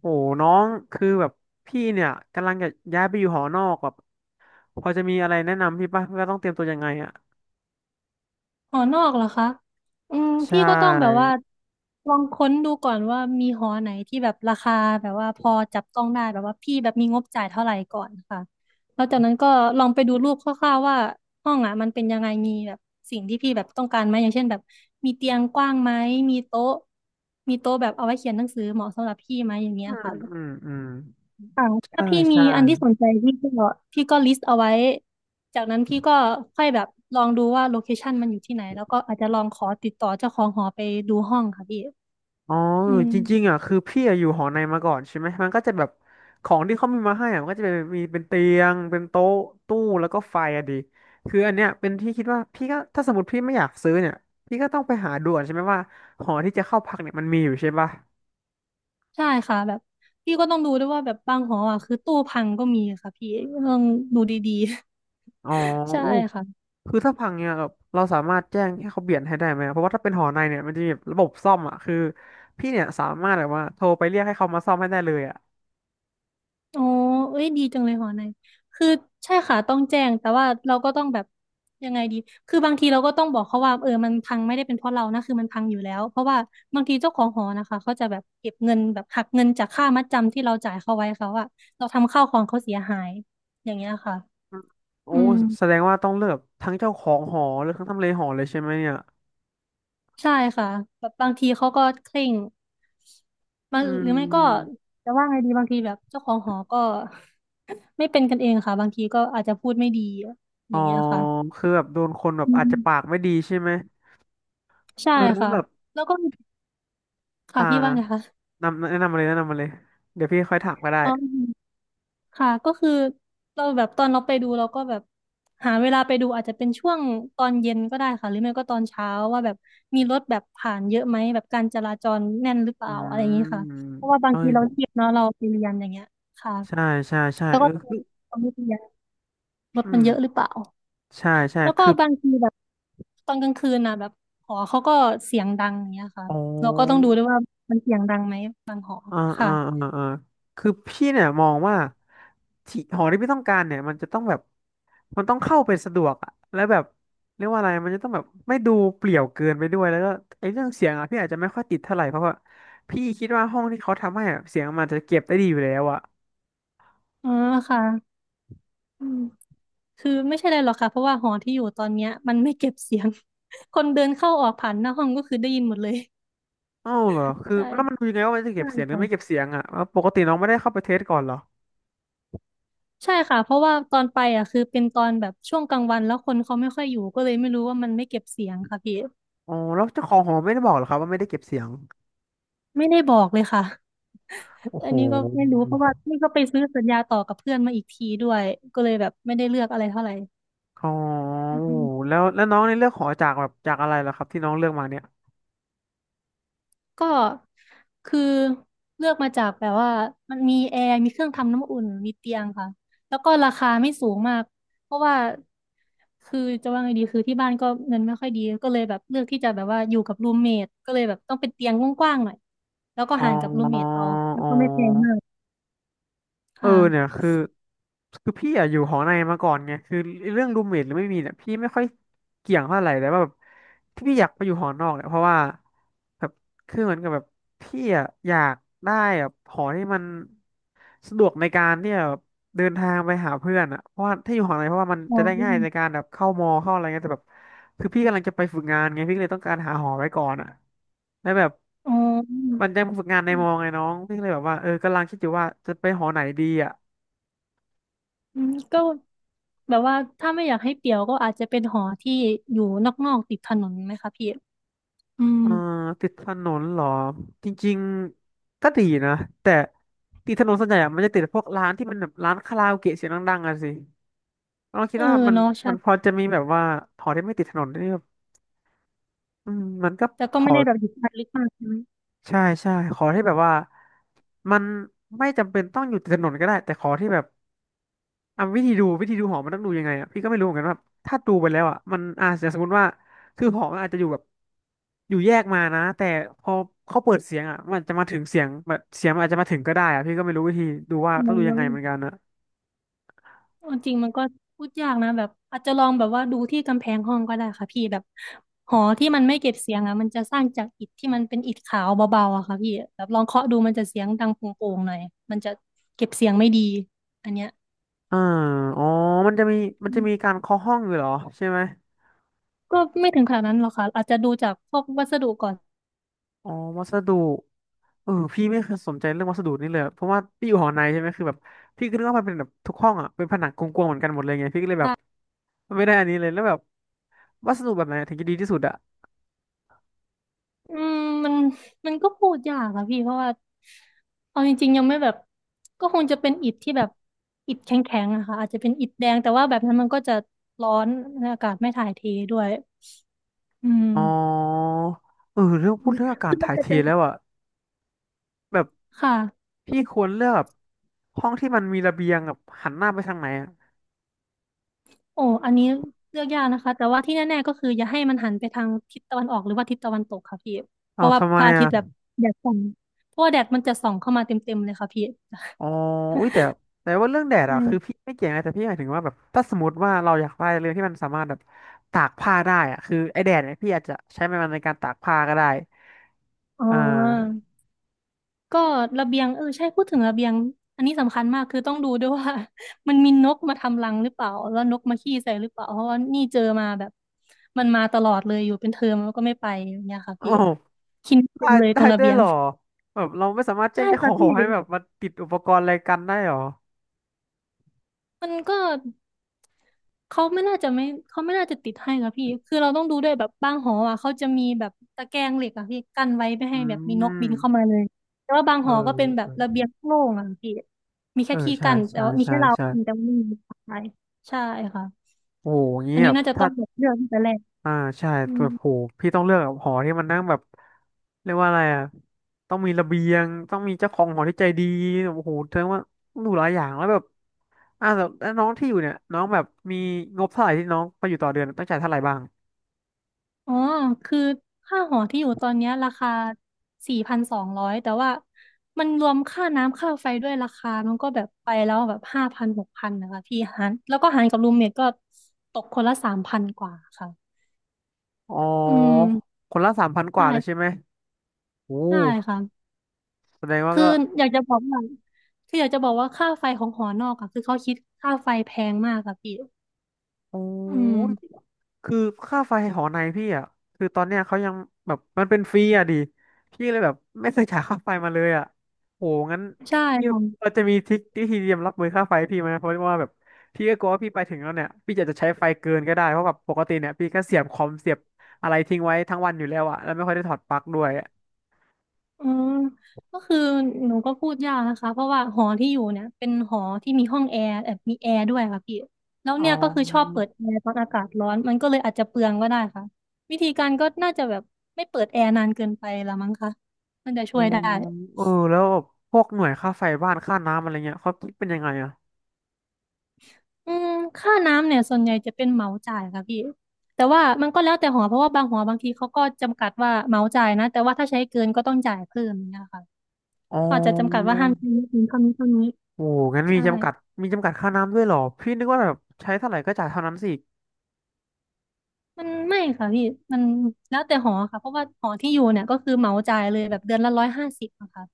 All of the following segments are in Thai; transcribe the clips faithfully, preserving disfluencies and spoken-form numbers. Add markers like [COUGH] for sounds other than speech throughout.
โอ้น้องคือแบบพี่เนี่ยกำลังจะย้ายไปอยู่หอนอกแบบพอจะมีอะไรแนะนำพี่ป่ะว่าต้องเตรียมตัวยังไงอ่ะหอนอกเหรอคะอืมใชพี่ก็ต้องแบบ่ว่าลองค้นดูก่อนว่ามีหอไหนที่แบบราคาแบบว่าพอจับต้องได้แบบว่าพี่แบบมีงบจ่ายเท่าไหร่ก่อนค่ะแล้วจากนั้นก็ลองไปดูรูปคร่าวๆว่าห้องอ่ะมันเป็นยังไงมีแบบสิ่งที่พี่แบบต้องการไหมอย่างเช่นแบบมีเตียงกว้างไหมมีโต๊ะมีโต๊ะแบบเอาไว้เขียนหนังสือเหมาะสำหรับพี่ไหมอย่างเงี้อืยมค่ะ อืมอืมค่ะใช่ถ้าพี่มีใช่อันที่สนใจพี่ก็พี่ก็ลิสต์เอาไว้จากนั้นพี่ก็ค่อยแบบลองดูว่าโลเคชันมันอยู่ที่ไหนแล้วก็อาจจะลองขอติดต่อเจ้าของหอไปดูห้องค่ะพี่อ๋อเอออืมจริงๆอ่ะคือพี่อะอยู่หอในมาก่อนใช่ไหมมันก็จะแบบของที่เขามีมาให้อ่ะมันก็จะเป็นมีเป็นเตียงเป็นโต๊ะตู้แล้วก็ไฟอะดีคืออันเนี้ยเป็นที่คิดว่าพี่ก็ถ้าสมมติพี่ไม่อยากซื้อเนี่ยพี่ก็ต้องไปหาดูก่อนใช่ไหมว่าหอที่จะเข้าพักเนี่ยมันมีอยู่ใช่ป่ะใช่ค่ะแบบพี่ก็ต้องดูด้วยว่าแบบบางหออ่ะคือตู้พังก็มีค่ะพี่ต้องดูดีอ๋ๆ อ [LAUGHS] ใช่อู้ ค่ะ คือถ้าพังเนี่ยแบบเราสามารถแจ้งให้เขาเปลี่ยนให้ได้ไหม เพราะว่าถ้าเป็นหอในเนี่ยมันจะมีแบบระบบซ่อมอ่ะ คือพี่เนี่ยสามารถแบบว่าโทรไปเรียกให้เขามาซ่อมให้ได้เลยอ่ะอ๋อเอ้ยดีจังเลยหอในคือใช่ค่ะต้องแจ้ง แต่ว่าเราก็ต้องแบบยังไงดีคือบางทีเราก็ต้องบอกเขาว่าเออมันพังไม่ได้เป็นเพราะเรานะคือมันพังอยู่แล้ว เพราะว่าบางทีเจ้าของหอนะคะ เขาจะแบบเก็บเงินแบบหักเงินจากค่ามัดจำที่เราจ่ายเขาไว้เขาอะเราทำข้าวของเขาเสียหาย อย่างเงี้ยค่ะโอ้อืมแสดงว่าต้องเลือกทั้งเจ้าของหอหรือทั้งทำเลหอเลยใช่ไหมเนี่ยใช่ค่ะแบบบางทีเขาก็เคร่งบาอืงหรือไม่ก็มจะว่าไงดีบางทีแบบเจ้าของหอก็ [LAUGHS] ไม่เป็นกันเองค่ะบางทีก็อาจจะพูดไม่ดีออ๋อย่างเงี้ยค่ะคือแบบโดนคนแบบอือาจม จะปากไม่ดีใช่ไหมใช่เออแล้วค่ะแบบแล้วก็ค่ะอ่าพี่ว่าไงคะนำแนะนำมาเลยแนะนำมาเลยเดี๋ยวพี่ค่อยถามก็ได้อ๋อค่ะก็คือเราแบบตอนเราไปดูเราก็แบบหาเวลาไปดูอาจจะเป็นช่วงตอนเย็นก็ได้ค่ะหรือไม่ก็ตอนเช้าว่าแบบมีรถแบบผ่านเยอะไหมแบบการจราจรแน่นหรือเปอืล่าอะไรอย่างนี้มค่ะเพราะว่าบางเอ้ทียเราเรียนเนาะเราไปเรียนอย่างเงี้ยค่ะใช่ใช่ใช่แล้วเอก็อตคืออนไม่เรียนรถอืมันมเยอะหรือเปล่าใช่ใช่แล้วก็คือบางทีแบบตอนกลางคืนนะแบบหอเขาก็เสียงดังอย่างเงี้ยค่ะอ๋อ เราก็ต้องดูด้วยว่ามันเสียงดังไหมอ่าอ่าค่ะอ่าอ่าคือพี่เนี่ยมองว่าที่หอที่พี่ต้องการเนี่ยมันจะต้องแบบมันต้องเข้าไปสะดวกอะแล้วแบบเรียกว่าอะไรมันจะต้องแบบไม่ดูเปลี่ยวเกินไปด้วยแล้วก็ไอ้เรื่องเสียงอะพี่อาจจะไม่ค่อยติดเท่าไหร่เพราะว่าพี่คิดว่าห้องที่เขาทำให้อะเสียงมันจะเก็บได้ดีอยู่แล้วอะอ๋อค่ะ อืมคือไม่ใช่อะไรหรอกค่ะเพราะว่าหอที่อยู่ตอนเนี้ยมันไม่เก็บเสียง [LAUGHS] คนเดินเข้าออกผ่านหน้าห้องก็คือได้ยินหมดเลยเอ้าเหรอคือใช่แล้วมันดูยังไงว่ามันจะเก็ใช่บเสียงหรือไม่เก็บค่ะเสียงอะแล้วปกติน้องไม่ได้เข้าไปเทสก่อนเหรอใช่ค่ะเพราะว่าตอนไปอ่ะคือเป็นตอนแบบช่วงกลางวันแล้วคนเขาไม่ค่อยอยู่ก็เลยไม่รู้ว่ามันไม่เก็บเสียงค่ะพี่อ๋อแล้วเจ้าของหอไม่ได้บอกเหรอครับว่าไม่ได้เก็บเสียงไม่ได้บอกเลยค่ะโอ้อัโห นนี้ก็ไม่รู้เพราะว่านี่ก็ไปซื้อสัญญาต่อกับเพื่อนมาอีกทีด้วยก็เลยแบบไม่ได้เลือกอะไรเท่าไหร่อ๋ออืโอ้ม แล้วแล้วน้องในเลือกหอจากแบบจากอะไรเหรอครับที่น้องเลือกมาเนี่ยก็คือเลือกมาจากแบบว่ามันมีแอร์มีเครื่องทำน้ำอุ่นมีเตียงค่ะแล้วก็ราคาไม่สูงมากเพราะว่าคือจะว่าไงดีคือที่บ้านก็เงินไม่ค่อยดีก็เลยแบบเลือกที่จะแบบว่าอยู่กับรูมเมทก็เลยแบบต้องเป็นเตียงกว้างๆหน่อยแล้วก็อ๋อห่างกับรูมเมทเอาแล้อ๋วก็ไม่แพงมาอ กเออค่ะเนี่ยคือคือพี่อะอยู่หอในมาก่อนไงคือเรื่องรูมเมทหรือไม่มีเนี่ยพี่ไม่ค่อยเกี่ยงเท่าไหร่แต่ว่าแบบที่พี่อยากไปอยู่หอนอกเนี่ยเพราะว่าแบบคือเหมือนกับแบบพี่อะอยากได้แบบหอที่มันสะดวกในการที่จะแบบเดินทางไปหาเพื่อนอะเพราะว่าถ้าอยู่หอในเพราะว่ามันอ๋จะได้ง่ายในอการแบบเข้ามอเข้าอะไรเงี้ยแต่แบบคือพี่กำลังจะไปฝึกงานไงพี่ก็เลยต้องการหาหอไว้ก่อนอะแล้วแบบอ๋อมันจะฝึกงานในมอไงน้องพี่ก็เลยแบบว่าเออกำลังคิดอยู่ว่าจะไปหอไหนดีอ่ะ อืมก็แบบว่าถ้าไม่อยากให้เปลี่ยวก็อาจจะเป็นหอที่อยู่นอกๆติดถนนไหมคะพี่อืมอ่าติดถนนเหรอจริงๆก็ดีนะแต่ติดถนนส่วนใหญ่อะมันจะติดพวกร้านที่มันแบบร้านคาราโอเกะเสียงดังๆอะสิเราคิเอดอว่ามันเนาะใช่ มันพอจะมีแบบว่าหอที่ไม่ติดถนนนี่แบบอืมมันก็แต่ก็พอไม่ได้แบบหยิบมันลึกมากใช่ไหมใช่ใช่ขอที่แบบว่ามันไม่จำเป็นต้องอยู่ติดถนนก็ได้แต่ขอที่แบบ อ่ะวิธีดูวิธีดูหอมันต้องดูยังไงอ่ะพี่ก็ไม่รู้เหมือนกันว่าถ้าดูไปแล้วอ่ะมันอาจจะสมมติว่าคือหอมันอาจจะอยู่แบบอยู่แยกมานะแต่พอเขาเปิดเสียงอ่ะมันจะมาถึงเสียงแบบเสียงมันอาจจะมาถึงก็ได้อ่ะพี่ก็ไม่รู้วิธีดูว่าอืต้องดูยังไงมเหมือนกันนะเอาจริงมันก็พูดยากนะแบบอาจจะลองแบบว่าดูที่กำแพงห้องก็ได้ค่ะพี่แบบหอที่มันไม่เก็บเสียงอ่ะมันจะสร้างจากอิฐที่มันเป็นอิฐขาวเบาๆอะค่ะพี่แบบลองเคาะดูมันจะเสียงดังโป่งๆหน่อยมันจะเก็บเสียงไม่ดีอันเนี้ยอ่าอ๋อมันจะมีมันจะมีการเคาะห้องอยู่เหรอใช่ไหมก็ไม่ถึงขนาดนั้นหรอกค่ะอาจจะดูจากพวกวัสดุก่อน อ๋อวัสดุเออพี่ไม่เคยสนใจเรื่องวัสดุนี่เลยอะเพราะว่าพี่อยู่หอในใช่ไหมคือแบบพี่ก็นึกว่ามันเป็นแบบทุกห้องอ่ะเป็นผนังกลวงๆเหมือนกันหมดเลยไงพี่ก็เลยแบบไม่ได้อันนี้เลยแล้วแบบวัสดุแบบไหนถึงจะดีที่สุดอะ อืมมันมันก็พูดยากอะพี่เพราะว่าเอาจริงๆยังไม่แบบก็คงจะเป็นอิฐที่แบบอิฐแข็งๆอะค่ะอาจจะเป็นอิฐแดงแต่ว่าแบบนั้นมันก็จะร้อนและอากาศไม่ถ่ายเทด้วยอืมอ๋อเออเรื่องพูดเรื่องอากาศคือมันถ่ายจะเทเป็นแล้วอะแบบค่ะพี่ควรเลือกแบบห้องที่มันมีระเบียงแบบหันหน้าไปทางไหนอะโอ้อันนี้เลือกยากนะคะแต่ว่าที่แน่ๆก็คืออย่าให้มันหันไปทางทิศตะวันออกหรือว่าทิศตะวันตกค่ะพี่เพเอาราะว่าทำไมพระอาทิตย์แบบอ่ะแดดส่องเพราะว่าแดดมันจะส่องเข้ามาเต็มๆเลยค่ะพี่อ๋ออุ้ยแต่แต่ว่าเรื่องแดดอะคือ่พี่ไม่เกี่ยงนะแต่พี่หมายถึงว่าแบบถ้าสมมติว่าเราอยากได้เรื่องที่มันสามารถแบบตากผ้าได้อ่ะคือไอแดดเนี่ยพี่อาจจะใช้มันในการตากผ้าก็ได้อ๋อ อ่าก็ระเบียงเออใช่พูดถึงระเบียงอันนี้สำคัญมากคือต้องดูด้วยว่า [LAUGHS] มันมีนกมาทำรังหรือเปล่าแล้วนกมาขี้ใส่หรือเปล่าเพราะว่านี่เจอมาแบบมันมาตลอดเลยอยู่เป็นเทอมแล้วก็ไม่ไปอย่างเงี้ยค่ะโอ้พี่คินเต็ได้มเลยตได้รงระด้วเบียยเหงรอแบบเราไม่สามารถแจ้ใช่งเจ้าขอค่ะงหพี่อให้แบบมาติดอุปกรณ์อะไรกันได้เหรอมันก็ เขาไม่น่าจะไม่เขาไม่น่าจะติดให้ค่ะพี่ คือเราต้องดูด้วยแบบบางหออ่ะเขาจะมีแบบตะแกรงเหล็กอ่ะพี่กั้นไว้ไม่อืให้แบบมีนกมบินเข้ามาเลย แต่ว่าบางเอหอก็เป็นแบบระอ เบียงโล่งอ่ะพี่มีเอแค่อที่ใช่กั้นแต่ใช่ว่ามีใช่แค่เราวใช่กัแต่ว่าไม่มีใครใช่ค่ะ โอ้โหเงี้อันยนี้แบบน่าจะต้ถ้าองแบบเลือกตั้งแต่แรกอ่าใช่อืแบม บโหพี่ต้องเลือกแบบหอที่มันนั่งแบบเรียกว่าอะไรอ่ะต้องมีระเบียงต้องมีเจ้าของหอที่ใจดีโอ้โหแสดงว่าต้องดูหลายอย่างแล้วแบบอ่าแต่แล้วน้องที่อยู่เนี่ยน้องแบบมีงบเท่าไหร่ที่น้องไปอยู่ต่อเดือนต้องจ่ายเท่าไหร่บ้างอ๋อ คือค่าหอที่อยู่ตอนเนี้ยราคาสี่พันสองร้อยแต่ว่ามันรวมค่าน้ำค่าไฟด้วยราคามันก็แบบไปแล้วแบบห้าพันหกพันนะคะพี่หารแล้วก็หารกับรูมเมทก็ตกคนละสามพันกว่าค่ะอ๋อืมอคนละสามพันกว่าเลยใช่ใช่ไหมโอ้ใช่ค่ะแสดงว่าคือก็อยากจะบอกว่าคืออยากจะบอกว่าค่าไฟของหอนอกอะคือเขาคิดค่าไฟแพงมากค่ะพี่โออืม้ คือค่าไฟหอในพี่อ่ะคือตอนเนี้ยเขายังแบบมันเป็นฟรีอ่ะดิพี่เลยแบบไม่เคยจ่ายค่าไฟมาเลยอ่ะโหงั้นใช่พี่ค่ะ เราจะมีทริคที่ทีเตรียมรับมือค่าไฟพี่ไหมเพราะว่าแบบพี่ก็กลัวว่าพี่ไปถึงแล้วเนี่ยพี่จะจะใช้ไฟเกินก็ได้เพราะแบบปกติเนี่ยพี่ก็เสียบคอมเสียบอะไรทิ้งไว้ทั้งวันอยู่แล้วอ่ะแล้วไม่ค่อยได้ถอดปลั๊กด้วยอะอืมก็คือหนูก็พูดยากนะคะเพราะว่าหอที่อยู่เนี่ยเป็นหอที่มีห้องแอร์แบบมีแอร์ด้วยค่ะพี่แล้วอ๋อเนี่ยก็คือชอบเปิดแอร์ตอนอากาศร้อนมันก็เลยอาจจะเปลืองก็ได้ค่ะวิธีการก็น่าจะแบบไม่เปิดแอร์นานเกินไปละมั้งคะมันจะอ๋ช่อวยได้เออแล้วพวกหน่วยค่าไฟบ้านค่าน้ำอะไรเงี้ยเขาคิดเป็นยังไงอ่ะอืมค่าน้ำเนี่ยส่วนใหญ่จะเป็นเหมาจ่ายค่ะพี่แต่ว่ามันก็แล้วแต่หอเพราะว่าบางหอบางทีเขาก็จำกัดว่าเหมาจ่ายนะแต่ว่าถ้าใช้เกินก็ต้องจ่ายเพิ่มอย่างเนี่ยค่ะอ๋อ อืมเท่านี้เท่านี้โอ้งั้นมีใช่ จำกัด มีจำกัดค่าน้ำด้วยเหรอ พี่นึกว่าแบบใช้เท่าไหร่ก็จ่ายเท่านั้นสิมันไม่ค่ะพี่มันแล้วแต่หอค่ะเพราะว่าหอที่อยู่เนี่ยก็คือเหมาจ่ายเลยแบบเดือนละร้อยห้าสิบะค่ะ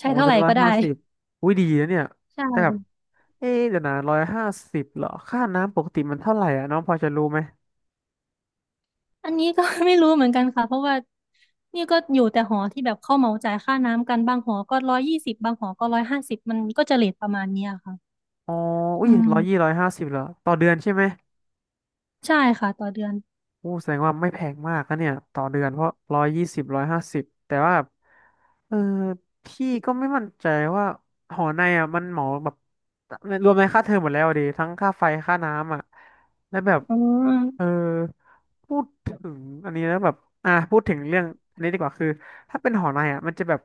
ใช้อ้เท่าเดืไหอร่นละก็ได้ห้าสิบอุ้ยดีนะเนี่ย ใช่แต่แบบ เอ๊ะเดี๋ยวนะร้อยห้าสิบเหรอค่าน้ำปกติมันเท่าไหร่อ่ะน้องพอจะรู้ไหม อันนี้ก็ [LAUGHS] ไม่รู้เหมือนกันค่ะเพราะว่านี่ก็อยู่แต่หอที่แบบเข้าเหมาจ่ายค่าน้ำกันบางหอก็ร้อยยี่สิบบางหอก็ร้อยห้าสิบมันก็จะเรทประมาณเนี้ยค่ะอ๋ออุ้ยอืมร้อยยี่ร้อยห้าสิบเหรอ ต่อเดือนใช่ไหม ใช่ค่ะต่อเดือนโอ้แสดงว่าไม่แพงมากนะเนี่ยต่อเดือนเพราะร้อยยี่สิบร้อยห้าสิบแต่ว่าแบบเออพี่ก็ไม่มั่นใจว่าหอในอ่ะมันเหมาแบบรวมในค่าเทอมหมดแล้วอะดิทั้งค่าไฟค่าน้ำอ่ะแล้วแบบอืเออมพูดถึงอันนี้แล้วแบบอ่ะพูดถึงเรื่องอันนี้ดีกว่าคือถ้าเป็นหอในอ่ะมันจะแบบ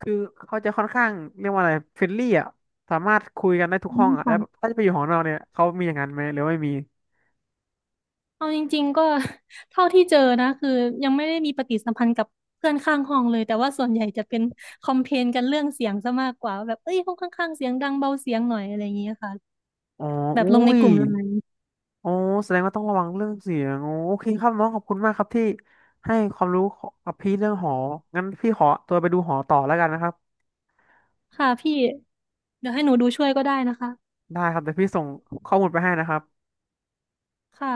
คือเขาจะค่อนข้างเรียกว่าอะไรเฟรนลี่อ่ะสามารถคุยกันได้ทุกห้องอ่ะแล้วแบบค่ะ ถ้าจะไปอยู่หอนอกเนี่ยเขามีอย่างนั้นไหมหรือว่าไม่มีเอาจริงๆก็ [LAUGHS] เท่าที่เจอนะคือยังไม่ได้มีปฏิสัมพันธ์กับเพื่อนข้างห้องเลยแต่ว่าส่วนใหญ่จะเป็นคอมเพลนกันเรื่องเสียงซะมากกว่าแบบเอ้ยห้องข้างๆเสียงดังเบาเสียงหน่อยอะไรอย่างเงี้ยค่ะอ๋อแบบอุ้ลงในย กลุ่มไลน์โอ้แสดงว่าต้องระวังเรื่องเสียงโอ้โอเคครับน้องขอบคุณมากครับที่ให้ความรู้กับพี่เรื่องหองั้นพี่ขอตัวไปดูหอต่อแล้วกันนะครับค่ะพี่เดี๋ยวให้หนูดูช่วยก็ได้นะคะได้ครับเดี๋ยวพี่ส่งข้อมูลไปให้นะครับค่ะ